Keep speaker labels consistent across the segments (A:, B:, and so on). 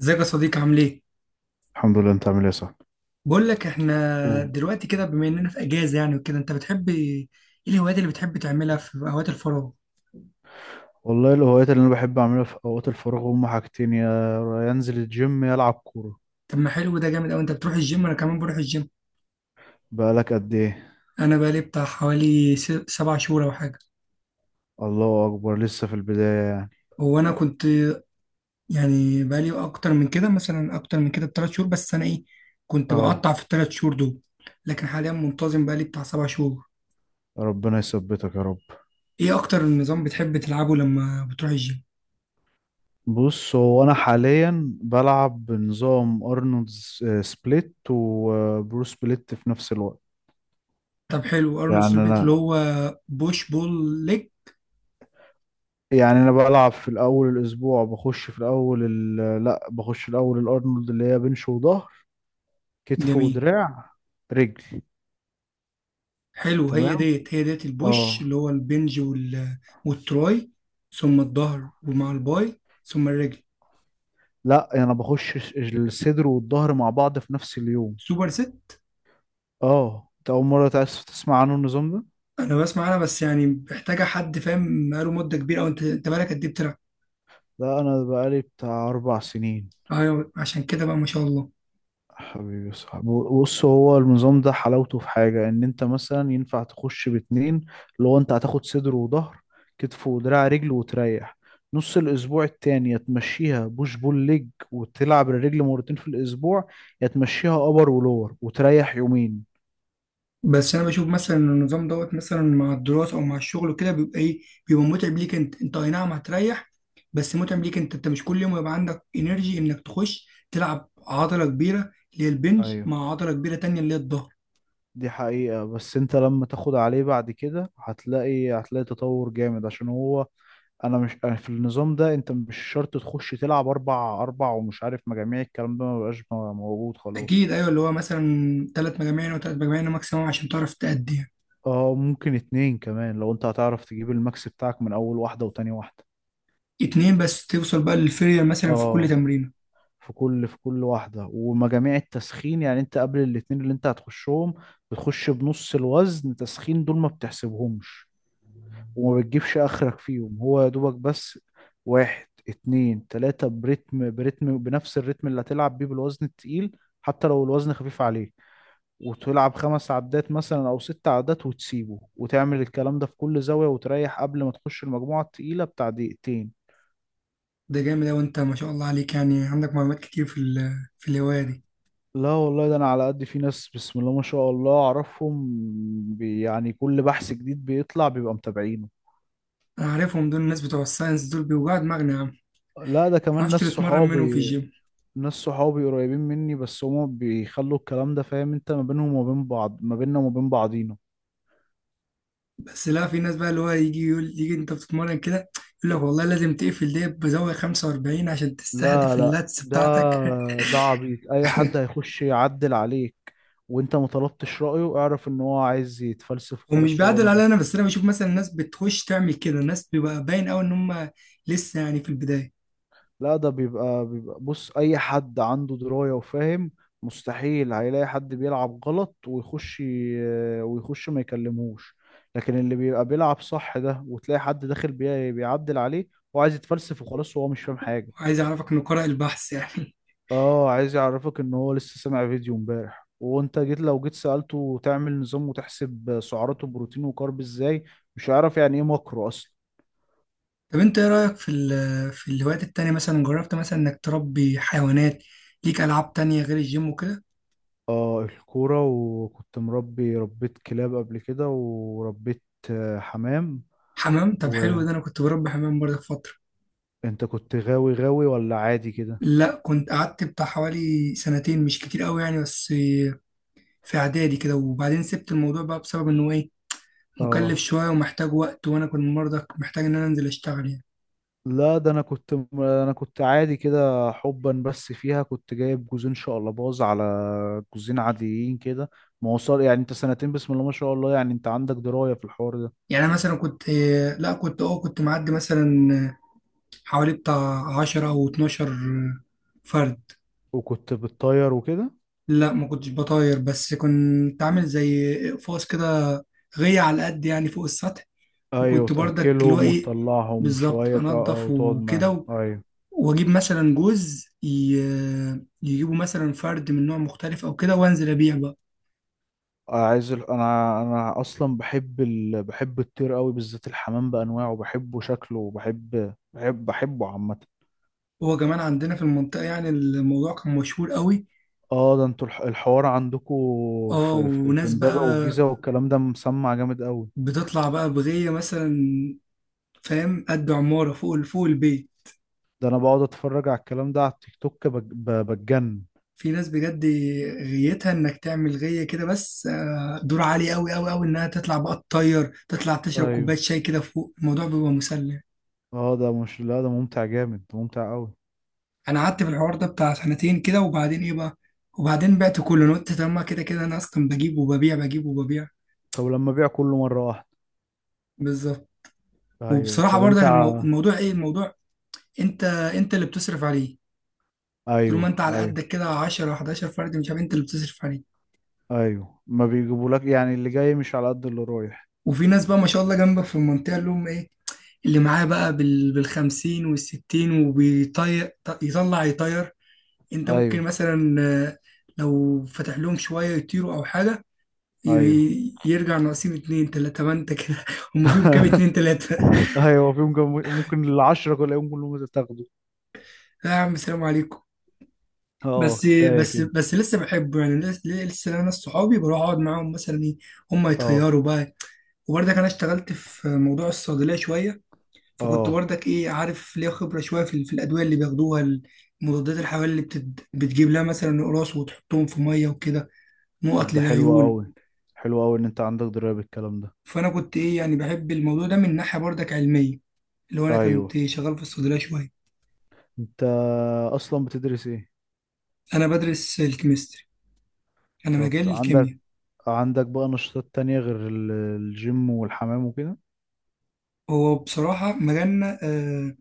A: ازيك يا صديقي، عامل ايه؟
B: الحمد لله، انت عامل ايه يا صاحبي؟
A: بقول لك احنا
B: أوه.
A: دلوقتي كده، بما اننا في اجازه يعني وكده، انت بتحب ايه؟ الهوايات اللي بتحب تعملها في اوقات الفراغ؟
B: والله الهوايات اللي انا بحب اعملها في اوقات الفراغ هم حاجتين، يا انزل الجيم يا العب كوره.
A: طب ما حلو، ده جامد قوي. انت بتروح الجيم؟ انا كمان بروح الجيم.
B: بقالك قد ايه؟
A: انا بقالي بتاع حوالي 7 شهور او حاجه.
B: الله اكبر، لسه في البدايه يعني.
A: وانا كنت يعني بقالي اكتر من كده، مثلا اكتر من كده بثلاث شهور، بس انا ايه، كنت بقطع
B: اه،
A: في الثلاث شهور دول. لكن حاليا منتظم بقالي بتاع 7 شهور.
B: ربنا يثبتك يا رب.
A: ايه اكتر نظام بتحب تلعبه لما بتروح الجيم؟
B: بص، هو انا حاليا بلعب بنظام ارنولد سبليت وبرو سبليت في نفس الوقت.
A: طب حلو، ارنولد
B: يعني
A: سبليت اللي
B: انا
A: هو بوش بول ليج.
B: يعني انا بلعب في الاول الاسبوع، بخش في الاول لا، بخش الاول الارنولد اللي هي بنش وظهر، كتف
A: جميل.
B: ودراع، رجل.
A: حلو، هي
B: تمام،
A: ديت هي ديت
B: اه.
A: البوش اللي هو البنج وال... والتراي، ثم الظهر ومع الباي ثم الرجل.
B: لا، يعني انا بخش الصدر والظهر مع بعض في نفس اليوم.
A: سوبر ست.
B: اه، انت اول مره تأسف تسمع عنه النظام ده؟
A: انا بسمع انا، بس يعني محتاجه حد فاهم بقاله مده كبيره، او انت بقالك قد ايه بتلعب؟
B: لا، انا بقالي بتاع اربع سنين.
A: ايوه، عشان كده بقى ما شاء الله.
B: حبيبي يا صاحبي. بص، هو النظام ده حلاوته في حاجه ان انت مثلا ينفع تخش باتنين، اللي هو انت هتاخد صدر وظهر، كتف ودراع، رجل وتريح نص الاسبوع التاني. يا تمشيها بوش بول ليج وتلعب الرجل مرتين في الاسبوع، يا تمشيها ابر ولور وتريح يومين.
A: بس انا بشوف مثلا إن النظام دوت مثلا مع الدراسه او مع الشغل وكده بيبقى ايه، بيبقى متعب ليك. انت اي نعم هتريح، بس متعب ليك. انت مش كل يوم يبقى عندك انرجي انك تخش تلعب عضله كبيره اللي هي البنج
B: ايوه،
A: مع عضله كبيره تانية اللي هي الظهر.
B: دي حقيقة، بس انت لما تاخد عليه بعد كده هتلاقي تطور جامد عشان هو. انا مش أنا في النظام ده انت مش شرط تخش تلعب اربع اربع ومش عارف مجاميع، الكلام ده مبقاش موجود خلاص.
A: اكيد، ايوه، اللي هو مثلا 3 مجاميع، او 3 مجاميع ماكسيموم عشان تعرف تأدي يعني.
B: اه، ممكن اتنين كمان لو انت هتعرف تجيب الماكس بتاعك من اول واحدة وتاني واحدة.
A: اتنين بس، توصل بقى للفيلير مثلا في كل
B: اه،
A: تمرينه.
B: في كل واحدة، ومجاميع التسخين يعني انت قبل الاتنين اللي انت هتخشهم بتخش بنص الوزن، تسخين دول ما بتحسبهمش وما بتجيبش اخرك فيهم، هو يا دوبك بس واحد اتنين تلاتة، برتم برتم بنفس الريتم اللي هتلعب بيه بالوزن التقيل، حتى لو الوزن خفيف عليه، وتلعب خمس عدات مثلا او ست عدات وتسيبه، وتعمل الكلام ده في كل زاوية، وتريح قبل ما تخش المجموعة التقيلة بتاع دقيقتين.
A: ده جامد اوي، انت ما شاء الله عليك، يعني عندك معلومات كتير في في الهوايه دي.
B: لا والله، ده انا على قد، في ناس بسم الله ما شاء الله اعرفهم. يعني كل بحث جديد بيطلع بيبقى متابعينه.
A: انا عارفهم دول، الناس بتوع الساينس دول بيوجعوا دماغنا يا عم، ما
B: لا، ده كمان
A: اعرفش
B: ناس
A: تتمرن منهم في
B: صحابي،
A: الجيم.
B: ناس صحابي قريبين مني، بس هما بيخلوا الكلام ده فاهم انت، ما بينهم وما بين بعض، ما بيننا وما بين بعضينا.
A: بس لا، في ناس بقى اللي هو يجي يقول، يجي انت بتتمرن كده، يقول لك والله لازم تقفل دي بزاويه 45 عشان
B: لا
A: تستهدف
B: لا،
A: اللاتس
B: ده
A: بتاعتك.
B: ده عبيط، اي حد هيخش يعدل عليك وانت ما طلبتش رأيه اعرف ان هو عايز يتفلسف
A: ومش
B: وخلاص. هو
A: بعدل
B: ما
A: عليا انا، بس انا بشوف مثلا الناس بتخش تعمل كده، الناس بيبقى باين قوي ان هم لسه يعني في البدايه،
B: لا، ده بيبقى. بص اي حد عنده دراية وفاهم مستحيل هيلاقي حد بيلعب غلط ويخش ما يكلمهوش، لكن اللي بيبقى بيلعب صح ده وتلاقي حد داخل بيعدل عليه، هو عايز يتفلسف وخلاص وهو مش فاهم حاجة.
A: وعايز اعرفك انه قارئ البحث يعني.
B: اه، عايز يعرفك ان هو لسه سامع فيديو امبارح، وانت جيت لو جيت سألته تعمل نظام وتحسب سعراته بروتين وكارب ازاي، مش هيعرف يعني ايه ماكرو اصلا.
A: طب انت ايه رايك في في الهوايات التانية؟ مثلا جربت مثلا انك تربي حيوانات؟ ليك العاب تانية غير الجيم وكده؟
B: اه، الكورة، وكنت ربيت كلاب قبل كده، وربيت حمام.
A: حمام، طب حلو، ده
B: وانت
A: انا كنت بربي حمام برضه في فتره.
B: كنت غاوي غاوي ولا عادي كده؟
A: لا كنت قعدت بتاع حوالي سنتين، مش كتير قوي يعني، بس في اعدادي كده. وبعدين سبت الموضوع بقى بسبب انه ايه، مكلف
B: اه،
A: شويه ومحتاج وقت، وانا كنت برضه محتاج ان انا انزل اشتغل يعني.
B: لا، ده انا كنت عادي كده، حبا بس فيها، كنت جايب جوزين شقلباز على جوزين عاديين كده. ما وصل، يعني انت سنتين بسم الله ما شاء الله، يعني انت عندك دراية في الحوار ده.
A: يعني أنا مثلا كنت، لا كنت اه كنت معدي مثلا حوالي بتاع 10 أو 12 فرد.
B: وكنت بتطير وكده؟
A: لا ما كنتش بطاير، بس كنت عامل زي إقفاص كده، غية على قد يعني فوق السطح.
B: ايوه،
A: وكنت برضك اللي هو
B: تأكلهم
A: إيه،
B: وتطلعهم
A: بالظبط
B: شوية، اه،
A: أنضف
B: وتقعد
A: وكده
B: معاهم. ايوه.
A: وأجيب مثلا يجيبوا مثلا فرد من نوع مختلف أو كده، وأنزل أبيع بقى.
B: عايز انا اصلا بحب الطير قوي، بالذات الحمام بانواعه بحبه، شكله، وبحب بحب بحبه عامه.
A: هو كمان عندنا في المنطقة يعني الموضوع كان مشهور قوي.
B: اه، ده انتوا الحوار عندكم
A: اه،
B: في
A: وناس بقى
B: امبابه والجيزه، والكلام ده مسمع جامد قوي.
A: بتطلع بقى بغية مثلا، فاهم، قد عمارة فوق البيت.
B: ده انا بقعد اتفرج على الكلام ده على التيك توك بتجنن.
A: في ناس بجد غيتها انك تعمل غية كده، بس دور عالي قوي قوي قوي، انها تطلع بقى تطير، تطلع تشرب
B: ايوه.
A: كوباية شاي كده فوق، الموضوع بيبقى مسلي.
B: اه، ده مش لا، ده ممتع جامد، ده ممتع قوي.
A: انا قعدت في الحوار ده بتاع سنتين كده، وبعدين ايه بقى، وبعدين بعت كله. انا قلت طب ما كده كده انا اصلا بجيب وببيع بجيب وببيع.
B: طب لما ابيع كله مره واحده.
A: بالظبط.
B: ايوه،
A: وبصراحة
B: طب
A: برضك
B: انت
A: الموضوع ايه، الموضوع انت اللي بتصرف عليه. طول ما
B: ايوه،
A: انت على
B: ايوه.
A: قدك كده، 10 11 فرد، مش عارف، انت اللي بتصرف عليه.
B: ايوه، ما بيجيبولك، يعني اللي جاي مش على قد اللي رايح.
A: وفي ناس بقى ما شاء الله جنبك في المنطقة اللي هم ايه، اللي معاه بقى بال بالخمسين والستين وبيطير، يطلع يطير. انت ممكن
B: ايوه،
A: مثلا، لو فتح لهم شوية يطيروا أو حاجة،
B: ايوه.
A: يرجع ناقصين اتنين تلاتة، ما انت كده. هم فيهم كام، اتنين تلاتة.
B: ايوه، في ممكن، ممكن العشرة كلهم كلهم تاخده.
A: لا يا عم، سلام عليكم.
B: اه،
A: بس
B: كفاية
A: بس
B: كده.
A: بس لسه بحبه يعني، لسه انا ناس صحابي بروح اقعد معاهم مثلا ايه، هم
B: اه،
A: يطيروا بقى. وبرضه انا اشتغلت في موضوع الصيدلية شوية، فكنت
B: اه.
A: برضك ايه، عارف، ليا خبره شويه في الادويه اللي بياخدوها. المضادات الحيويه اللي بتجيب لها مثلا قراص وتحطهم في ميه وكده،
B: طب
A: نقط
B: ده حلو
A: للعيون.
B: قوي، حلو قوي ان انت عندك دراية بالكلام ده.
A: فانا كنت ايه، يعني بحب الموضوع ده من ناحيه برضك علميه، اللي هو انا
B: ايوه،
A: كنت شغال في الصيدليه شويه.
B: انت اصلا بتدرس ايه؟
A: انا بدرس الكيمستري، انا
B: طب
A: مجال
B: عندك
A: الكيمياء.
B: عندك بقى نشاطات تانية غير الجيم والحمام وكده؟
A: هو بصراحه مجالنا آه،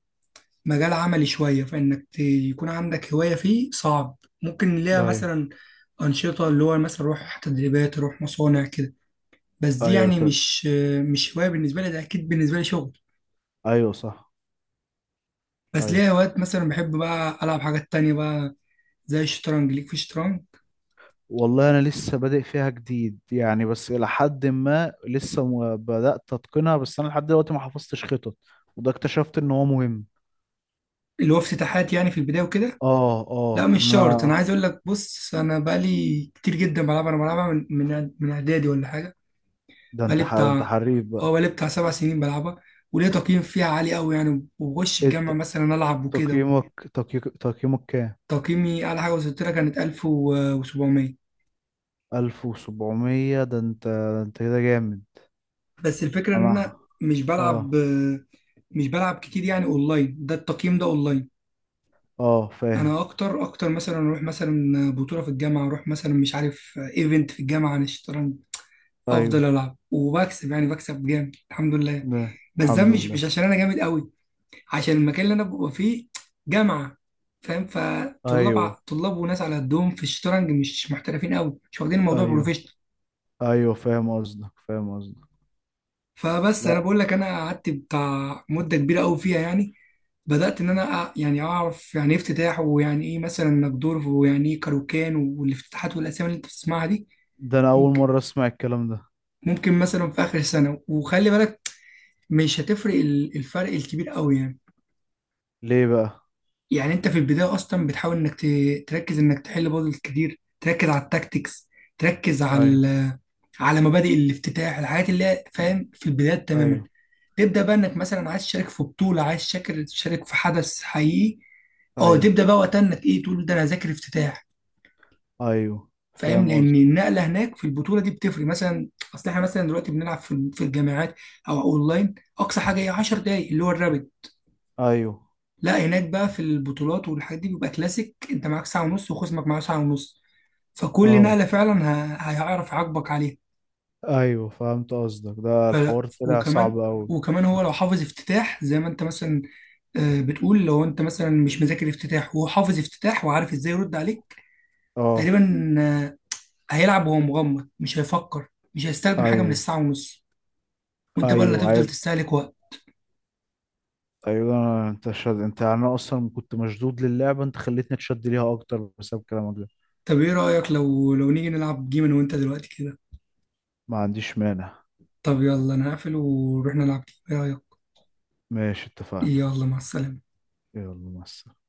A: مجال عملي شويه، فانك يكون عندك هوايه فيه صعب. ممكن ليها
B: ايوه،
A: مثلا انشطه، اللي هو مثلا روح تدريبات، روح مصانع كده، بس دي
B: ايوه،
A: يعني
B: طب.
A: مش هواية بالنسبة لي، ده أكيد بالنسبة لي شغل.
B: ايوه، صح.
A: بس ليا
B: ايوه،
A: أوقات مثلا بحب بقى ألعب حاجات تانية بقى، زي الشطرنج. ليك في الشطرنج؟
B: والله انا لسه بادئ فيها جديد، يعني بس الى حد ما لسه ما بدأت اتقنها، بس انا لحد دلوقتي ما حفظتش خطط، وده اكتشفت ان هو مهم.
A: اللي هو افتتاحات يعني في البداية وكده.
B: اه،
A: لا
B: اه،
A: مش
B: لا.
A: شرط، أنا عايز أقول لك، بص أنا بقالي كتير جدا بلعبها، أنا بلعبها من من إعدادي ولا حاجة. بقالي
B: ده انت
A: بتاع،
B: حريف
A: أه
B: بقى.
A: بقالي بتاع 7 سنين بلعبها، وليا تقييم فيها عالي أوي يعني، وبخش الجامعة
B: انت
A: مثلا ألعب وكده.
B: تقييمك كام؟
A: تقييمي أعلى حاجة وصلت لها كانت 1700.
B: 1700؟ ده انت كده جامد.
A: بس الفكرة ان انا
B: انا.
A: مش بلعب
B: اه.
A: مش بلعب كتير يعني اونلاين، ده التقييم ده اونلاين.
B: اه، فاهم.
A: انا اكتر مثلا اروح مثلا بطولة في الجامعة، اروح مثلا مش عارف ايفنت في الجامعة عن الشطرنج، افضل
B: ايوه،
A: العب وبكسب يعني، بكسب جامد الحمد لله.
B: ده
A: بس ده
B: الحمد
A: مش
B: لله.
A: عشان انا جامد قوي، عشان المكان اللي انا ببقى فيه جامعة، فاهم، فطلاب
B: ايوه،
A: طلاب وناس على قدهم في الشطرنج، مش محترفين قوي، مش واخدين الموضوع
B: ايوه،
A: بروفيشنال.
B: ايوه، فاهم قصدك فاهم قصدك.
A: فبس انا
B: لا،
A: بقول لك انا قعدت بتاع مدة كبيرة قوي فيها يعني، بدأت إن أنا يعني أعرف يعني إيه افتتاح، ويعني إيه مثلا نجدورف، ويعني إيه كاروكان والافتتاحات والأسامي اللي أنت بتسمعها دي.
B: ده انا اول
A: ممكن،
B: مرة اسمع الكلام ده.
A: ممكن مثلا في آخر سنة، وخلي بالك مش هتفرق الفرق الكبير قوي يعني.
B: ليه بقى؟
A: يعني أنت في البداية أصلا بتحاول إنك تركز إنك تحل بازلز كتير، تركز على التاكتكس، تركز على
B: ايوه،
A: على مبادئ الافتتاح، الحاجات اللي هي فاهم في البدايات تماما.
B: ايوه،
A: تبدأ بقى إنك مثلا عايز تشارك في بطولة، عايز تشارك في حدث حقيقي. اه،
B: ايوه،
A: تبدأ بقى وقتها إنك إيه، تقول ده أنا هذاكر افتتاح.
B: ايوه،
A: فاهم،
B: فاهم
A: لان
B: قصدك.
A: النقله هناك في البطوله دي بتفرق مثلا. اصل احنا مثلا دلوقتي بنلعب في الجامعات او اونلاين، اقصى حاجه هي 10 دقائق اللي هو الرابد.
B: ايوه،
A: لا هناك بقى في البطولات والحاجات دي بيبقى كلاسيك، انت معاك ساعه ونص وخصمك معاه ساعه ونص، فكل
B: اه،
A: نقله فعلا هيعرف يعاقبك عليها.
B: ايوه، فهمت قصدك، ده
A: ف...
B: الحوار طلع صعب
A: وكمان
B: قوي.
A: وكمان هو لو حافظ افتتاح زي ما انت مثلا بتقول، لو انت مثلا مش مذاكر افتتاح وهو حافظ افتتاح وعارف ازاي يرد عليك،
B: اه.
A: تقريبا هيلعب وهو مغمض، مش هيفكر، مش هيستخدم حاجه من
B: ايوه،
A: الساعه ونص، وانت بقى اللي
B: ايوه،
A: هتفضل
B: عيب.
A: تستهلك وقت.
B: ايوه، انت، يعني انا اصلا كنت مشدود للعبه، انت خليتني اتشد ليها اكتر بسبب كلامك ده.
A: طب ايه رأيك لو نيجي نلعب جيم انا وانت دلوقتي كده؟
B: ما عنديش مانع.
A: طب يلا، انا هقفل ونروح نلعب جيم، ايه رأيك؟
B: ماشي، اتفقنا.
A: يلا مع السلامة.
B: يلا مع السلامه.